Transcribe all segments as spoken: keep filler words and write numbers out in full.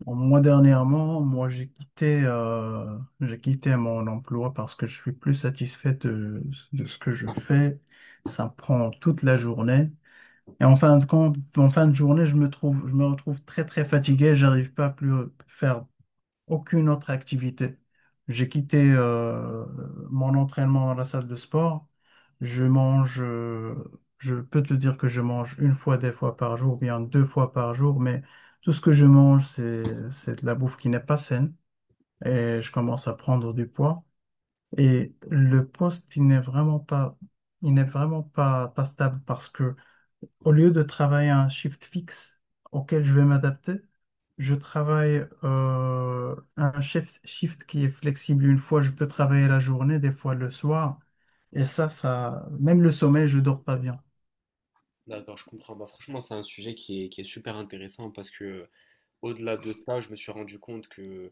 Bon, moi, dernièrement, moi, j'ai quitté, euh, j'ai quitté mon emploi parce que je suis plus satisfait de, de ce que je fais. Ça me prend toute la journée. Et Mm. en fin de compte, en fin de journée, je me trouve, je me retrouve très, très fatigué. J'arrive pas à plus faire aucune autre activité. J'ai quitté euh, mon entraînement dans la salle de sport. Je mange, euh, je peux te dire que je mange une fois, des fois par jour, bien deux fois par jour, mais tout ce que je mange, c'est, c'est de la bouffe qui n'est pas saine et je commence à prendre du poids. Et le poste, il n'est vraiment pas, il n'est vraiment pas, pas stable parce que au lieu de travailler un shift fixe auquel je vais m'adapter, je travaille euh, un shift, shift qui est flexible. Une fois, je peux travailler la journée, des fois le soir. Et ça, ça, même le sommeil, je dors pas bien. D'accord, je comprends. Bah, franchement, c'est un sujet qui est, qui est super intéressant parce que Au-delà de ça, je me suis rendu compte que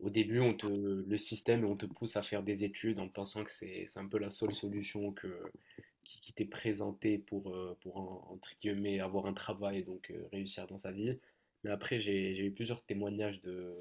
au début, on te, le système, on te pousse à faire des études en pensant que c'est, c'est un peu la seule solution que, qui, qui t'est présentée pour, euh, pour en- entre guillemets, avoir un travail et donc euh, réussir dans sa vie. Mais après, j'ai, j'ai eu plusieurs témoignages de,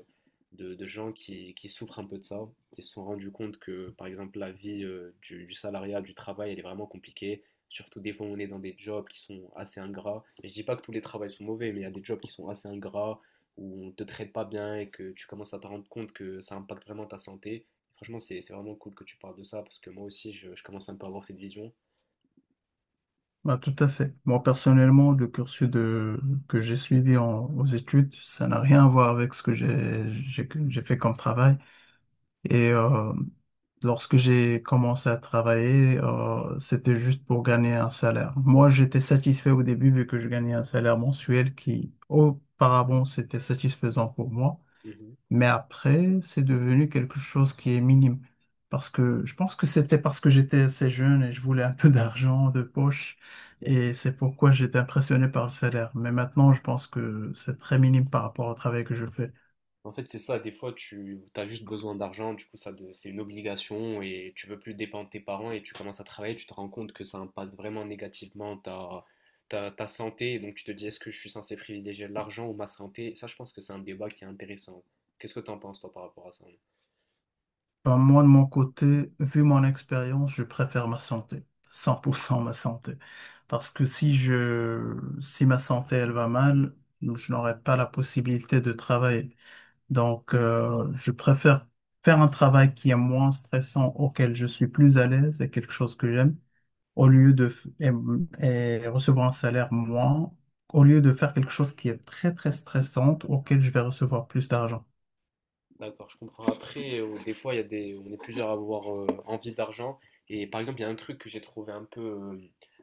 de, de gens qui, qui souffrent un peu de ça, qui se sont rendus compte que, par exemple, la vie euh, du, du salariat, du travail, elle est vraiment compliquée. Surtout des fois, on est dans des jobs qui sont assez ingrats. Et je dis pas que tous les travails sont mauvais, mais il y a des jobs qui sont assez ingrats où on ne te traite pas bien et que tu commences à te rendre compte que ça impacte vraiment ta santé. Franchement, c'est c'est vraiment cool que tu parles de ça parce que moi aussi, je, je commence un peu à avoir cette vision. Bah, tout à fait. Moi, personnellement, le cursus de, que j'ai suivi en- aux études, ça n'a rien à voir avec ce que j'ai, j'ai, j'ai fait comme travail. Et euh, Lorsque j'ai commencé à travailler, euh, c'était juste pour gagner un salaire. Moi, j'étais satisfait au début vu que je gagnais un salaire mensuel qui, auparavant, c'était satisfaisant pour moi. Mhm. Mais après, c'est devenu quelque chose qui est minime. Parce que je pense que c'était parce que j'étais assez jeune et je voulais un peu d'argent de poche. Ouais. Et c'est pourquoi j'étais impressionné par le salaire. Mais maintenant, je pense que c'est très minime par rapport au travail que je fais. En fait, c'est ça, des fois, tu as juste besoin d'argent, du coup, ça de- c'est une obligation et tu veux plus dépendre de tes parents et tu commences à travailler, tu te rends compte que ça impacte vraiment négativement ta, ta, ta santé. Et donc, tu te dis, est-ce que je suis censé privilégier l'argent ou ma santé? Ça, je pense que c'est un débat qui est intéressant. Qu'est-ce que tu en penses, toi, par rapport à ça? Ben, moi, de mon côté, vu mon expérience, je préfère ma santé, cent pour cent ma santé. Parce que si je, si ma santé, elle va mal, je n'aurai pas la possibilité de travailler. Donc, euh, je préfère faire un travail qui est moins stressant, auquel je suis plus à l'aise et quelque chose que j'aime, au lieu de, f- et, et recevoir un salaire moins, au lieu de faire quelque chose qui est très, très stressant, auquel je vais recevoir plus d'argent. D'accord, je comprends. Après, euh, des fois, il y a des, on est plusieurs à avoir euh, envie d'argent. Et par exemple, il y a un truc que j'ai trouvé un peu, euh,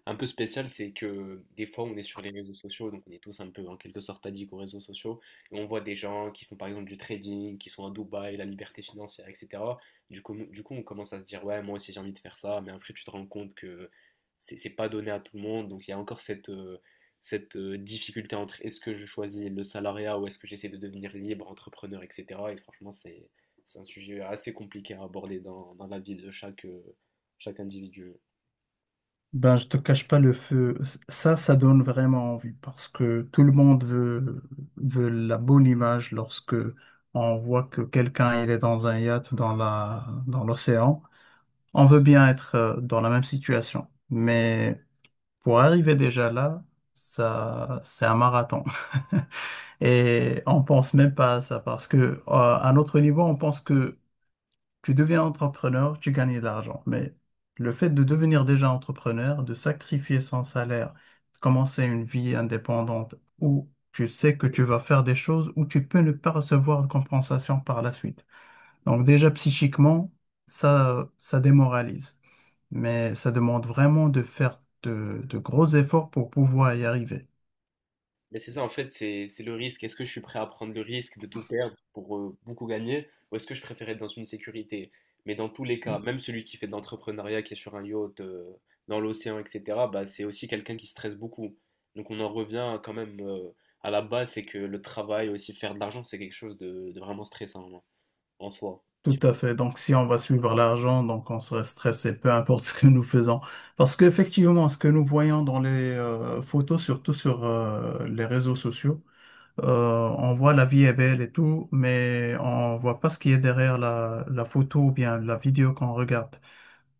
un peu spécial, c'est que des fois, on est sur les réseaux sociaux, donc on est tous un peu en quelque sorte addicts aux réseaux sociaux. Et on voit des gens qui font par exemple du trading, qui sont à Dubaï, la liberté financière, et cetera. Du coup, du coup, on commence à se dire, ouais, moi aussi j'ai envie de faire ça. Mais après, tu te rends compte que c'est c'est pas donné à tout le monde. Donc, il y a encore cette, euh, cette euh, difficulté entre est-ce que je choisis le salariat ou est-ce que j'essaie de devenir libre, entrepreneur, et cetera. Et franchement, c'est c'est un sujet assez compliqué à aborder dans, dans la vie de chaque, euh, chaque individu. Ben, je te cache pas le feu. Ça, ça donne vraiment envie parce que tout le monde veut, veut la bonne image lorsque on voit que quelqu'un il est dans un yacht dans la, dans l'océan. On veut bien être euh, dans la même situation. Mais pour arriver déjà là, ça, c'est un marathon. Et on pense même pas à ça parce que, euh, à notre niveau, on pense que tu deviens entrepreneur, tu gagnes de l'argent. Mais le fait de devenir déjà entrepreneur, de sacrifier son salaire, de commencer une vie indépendante où tu sais que tu vas faire des choses où tu peux ne pas recevoir de compensation par la suite. Donc déjà psychiquement, ça, ça démoralise. Mais ça demande vraiment de faire de de gros efforts pour pouvoir y arriver. Mais c'est ça, en fait, c'est c'est le risque. Est-ce que je suis prêt à prendre le risque de tout perdre pour euh, beaucoup gagner, ou est-ce que je préfère être dans une sécurité? Mais dans tous les cas, même celui qui fait de l'entrepreneuriat, qui est sur un yacht, euh, dans l'océan, et cetera, bah, c'est aussi quelqu'un qui stresse beaucoup. Donc on en revient quand même euh, à la base, c'est que le travail, aussi faire de l'argent, c'est quelque chose de, de vraiment stressant en en soi. Tout Si à fait. Donc, si on va suivre l'argent, donc on serait stressé, peu importe ce que nous faisons. Parce qu'effectivement, ce que nous voyons dans les euh, photos, surtout sur euh, les réseaux sociaux, euh, on voit la vie est belle et tout, mais on voit pas ce qui est derrière la, la photo ou bien la vidéo qu'on regarde.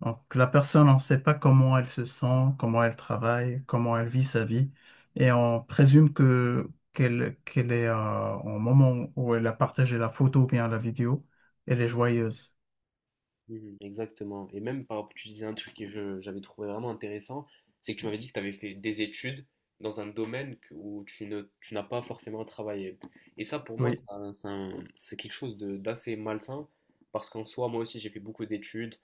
Donc, la personne, on ne sait pas comment elle se sent, comment elle travaille, comment elle vit sa vie, et on présume que qu'elle qu'elle est euh, au moment où elle a partagé la photo ou bien la vidéo, elle est joyeuse. Mhm, exactement. Et même par rapport, tu disais un truc que je- j'avais trouvé vraiment intéressant, c'est que tu m'avais dit que tu avais fait des études dans un domaine que- où tu ne, tu n'as pas forcément travaillé. Et ça, pour moi, Oui, c'est un- c'est quelque chose de- d'assez malsain, parce qu'en soi, moi aussi, j'ai fait beaucoup d'études,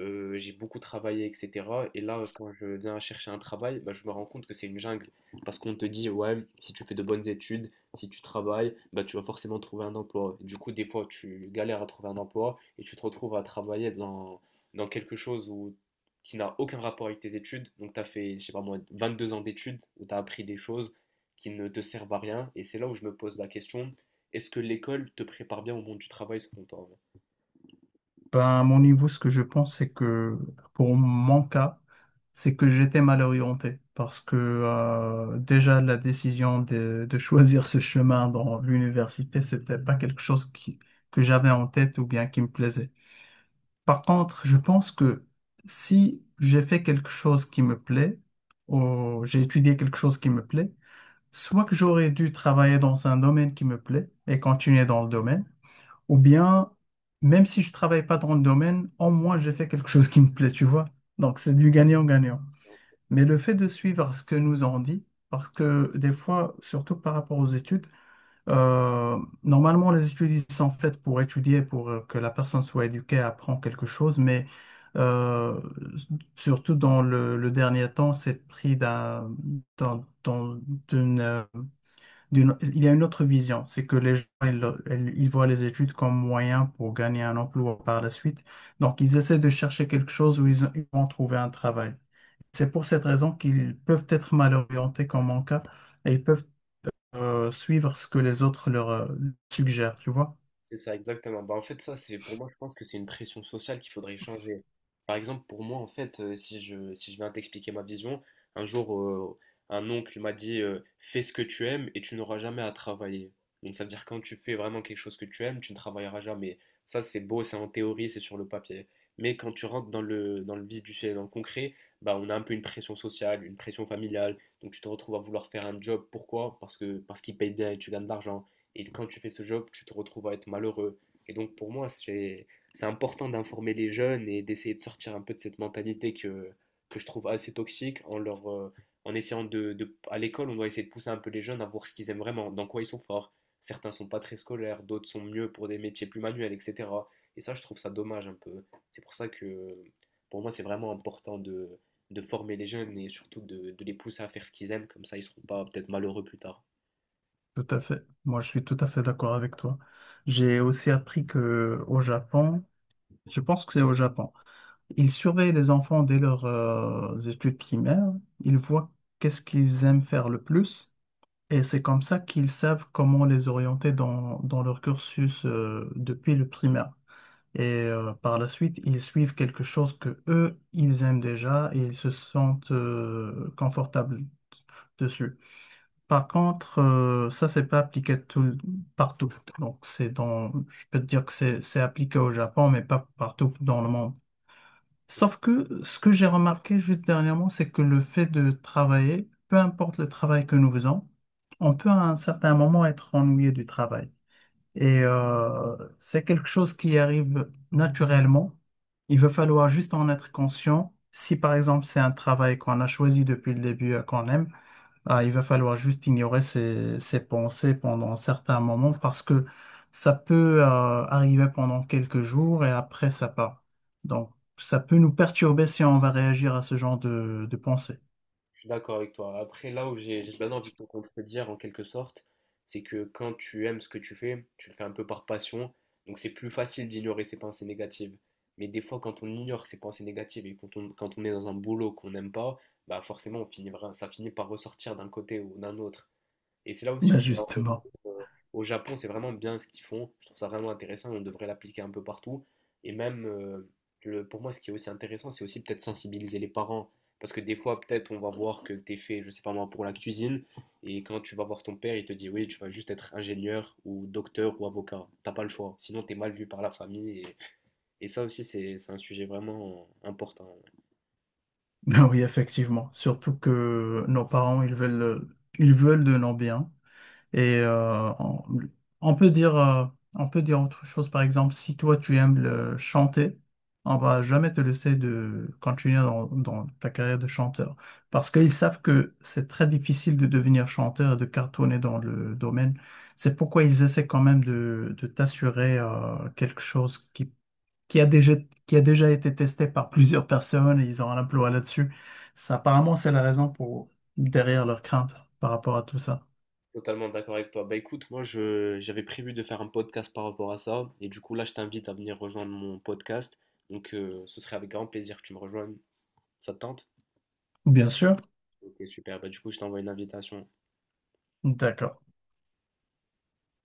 euh, j'ai beaucoup travaillé, et cetera. Et là, quand je viens chercher un travail, bah, je me rends compte que c'est une jungle, parce qu'on te dit, ouais, si tu fais de bonnes études, si tu travailles, bah, tu vas forcément trouver un emploi. Du coup, des fois, tu galères à trouver un emploi et tu te retrouves à travailler dans, dans quelque chose où, qui n'a aucun rapport avec tes études. Donc, tu as fait, je sais pas moi, vingt-deux ans d'études où tu as appris des choses qui ne te servent à rien. Et c'est là où je me pose la question, est-ce que l'école te prépare bien au monde du travail selon toi? ben, à mon niveau, ce que je pense, c'est que pour mon cas, c'est que j'étais mal orienté parce que euh, déjà la décision de, de choisir ce chemin dans l'université, c'était pas quelque chose qui, que j'avais en tête ou bien qui me plaisait. Par contre, je pense que si j'ai fait quelque chose qui me plaît, ou j'ai étudié quelque chose qui me plaît, soit que j'aurais dû travailler dans un domaine qui me plaît et continuer dans le domaine, ou bien, même si je travaille pas dans le domaine, au moins j'ai fait quelque chose qui me plaît, tu vois. Donc c'est du gagnant-gagnant. Mais le fait de suivre ce que nous on dit, parce que des fois, surtout par rapport aux études, euh, normalement les études ils sont faites pour étudier, pour euh, que la personne soit éduquée, apprend quelque chose, mais euh, surtout dans le, le dernier temps, c'est pris d'un, dans, dans- d'une, d'une- il y a une autre vision, c'est que les gens, ils, ils- ils voient les études comme moyen pour gagner un emploi par la suite. Donc, ils essaient de chercher quelque chose où ils, ils vont trouver un travail. C'est pour cette raison qu'ils peuvent être mal orientés comme mon cas et ils peuvent euh, suivre ce que les autres leur euh, suggèrent, tu vois? C'est ça, exactement. Bah, en fait, ça, c'est pour moi, je pense que c'est une pression sociale qu'il faudrait changer. Par exemple, pour moi, en fait, euh, si je, si je viens t'expliquer ma vision, un jour, euh, un oncle m'a dit euh, fais ce que tu aimes et tu n'auras jamais à travailler. Donc, ça veut dire quand tu fais vraiment quelque chose que tu aimes, tu ne travailleras jamais. Ça, c'est beau, c'est en théorie, c'est sur le papier. Mais quand tu rentres dans le, dans le vif du sujet, dans le concret, bah, on a un peu une pression sociale, une pression familiale. Donc, tu te retrouves à vouloir faire un job. Pourquoi? Parce que, parce qu'il paye bien et tu gagnes de l'argent. Et quand tu fais ce job, tu te retrouves à être malheureux. Et donc pour moi, c'est c'est important d'informer les jeunes et d'essayer de sortir un peu de cette mentalité que, que je trouve assez toxique en leur euh, en essayant de, de à l'école, on doit essayer de pousser un peu les jeunes à voir ce qu'ils aiment vraiment, dans quoi ils sont forts. Certains sont pas très scolaires, d'autres sont mieux pour des métiers plus manuels, et cetera. Et ça, je trouve ça dommage un peu. C'est pour ça que pour moi, c'est vraiment important de, de former les jeunes et surtout de, de les pousser à faire ce qu'ils aiment, comme ça ils seront pas peut-être malheureux plus tard. Tout à fait. Moi, je suis tout à fait d'accord avec toi. J'ai aussi appris que au Japon, je pense que c'est au Japon. Ils surveillent les enfants dès leurs euh, études primaires. Ils voient qu'est-ce qu'ils aiment faire le plus. Et c'est comme ça qu'ils savent comment les orienter dans, dans leur cursus euh, depuis le primaire. Et euh, par la suite, ils suivent quelque chose que eux, ils aiment déjà et ils se sentent euh, confortables dessus. Par contre, euh, ça, c'est pas appliqué tout, partout. Donc, c'est dans, je peux te dire que c'est c'est appliqué au Japon, mais pas partout dans le monde. Sauf que ce que j'ai remarqué juste dernièrement, c'est que le fait de travailler, peu importe le travail que nous faisons, on peut à un certain moment être ennuyé du travail. Et euh, c'est quelque chose qui arrive naturellement. Il va falloir juste en être conscient. Si par exemple c'est un travail qu'on a choisi depuis le début et qu'on aime, ah, il va falloir juste ignorer ces ces pensées pendant certains moments parce que ça peut euh, arriver pendant quelques jours et après ça part. Donc, ça peut nous perturber si on va réagir à ce genre de, de pensées. Je suis d'accord avec toi. Après, là où j'ai j'ai bien envie de te contredire en quelque sorte, c'est que quand tu aimes ce que tu fais, tu le fais un peu par passion, donc c'est plus facile d'ignorer ses pensées négatives. Mais des fois, quand on ignore ses pensées négatives et quand on, quand on est dans un boulot qu'on n'aime pas, bah forcément, on finit, vra- ça finit par ressortir d'un côté ou d'un autre. Et c'est là aussi Ben où on va en revenir, justement. euh, au Japon, c'est vraiment bien ce qu'ils font. Je trouve ça vraiment intéressant et on devrait l'appliquer un peu partout. Et même, euh, le, pour moi, ce qui est aussi intéressant, c'est aussi peut-être sensibiliser les parents. Parce que des fois, peut-être, on va voir que t'es fait, je sais pas moi, pour la cuisine. Et quand tu vas voir ton père, il te dit, oui, tu vas juste être ingénieur ou docteur ou avocat. T'as pas le choix. Sinon, t'es mal vu par la famille. Et, et ça aussi, c'est c'est un sujet vraiment important. Oui, effectivement. Surtout que nos parents, ils veulent, ils veulent de nos biens. Et euh, on, on peut dire, euh, on peut dire autre chose, par exemple, si toi tu aimes le chanter, on va jamais te laisser de continuer dans, dans ta carrière de chanteur. Parce qu'ils savent que c'est très difficile de devenir chanteur et de cartonner dans le domaine. C'est pourquoi ils essaient quand même de, de t'assurer euh, quelque chose qui qui a déjà, qui a déjà été testé par plusieurs personnes et ils ont un emploi là-dessus. Ça, apparemment, c'est la raison pour derrière leur crainte par rapport à tout ça. Totalement d'accord avec toi. Bah écoute, moi je j'avais prévu de faire un podcast par rapport à ça, et du coup là je t'invite à venir rejoindre mon podcast. Donc euh, ce serait avec grand plaisir que tu me rejoignes. Ça te tente? Bien sûr. Ok, super. Bah du coup je t'envoie une invitation. D'accord.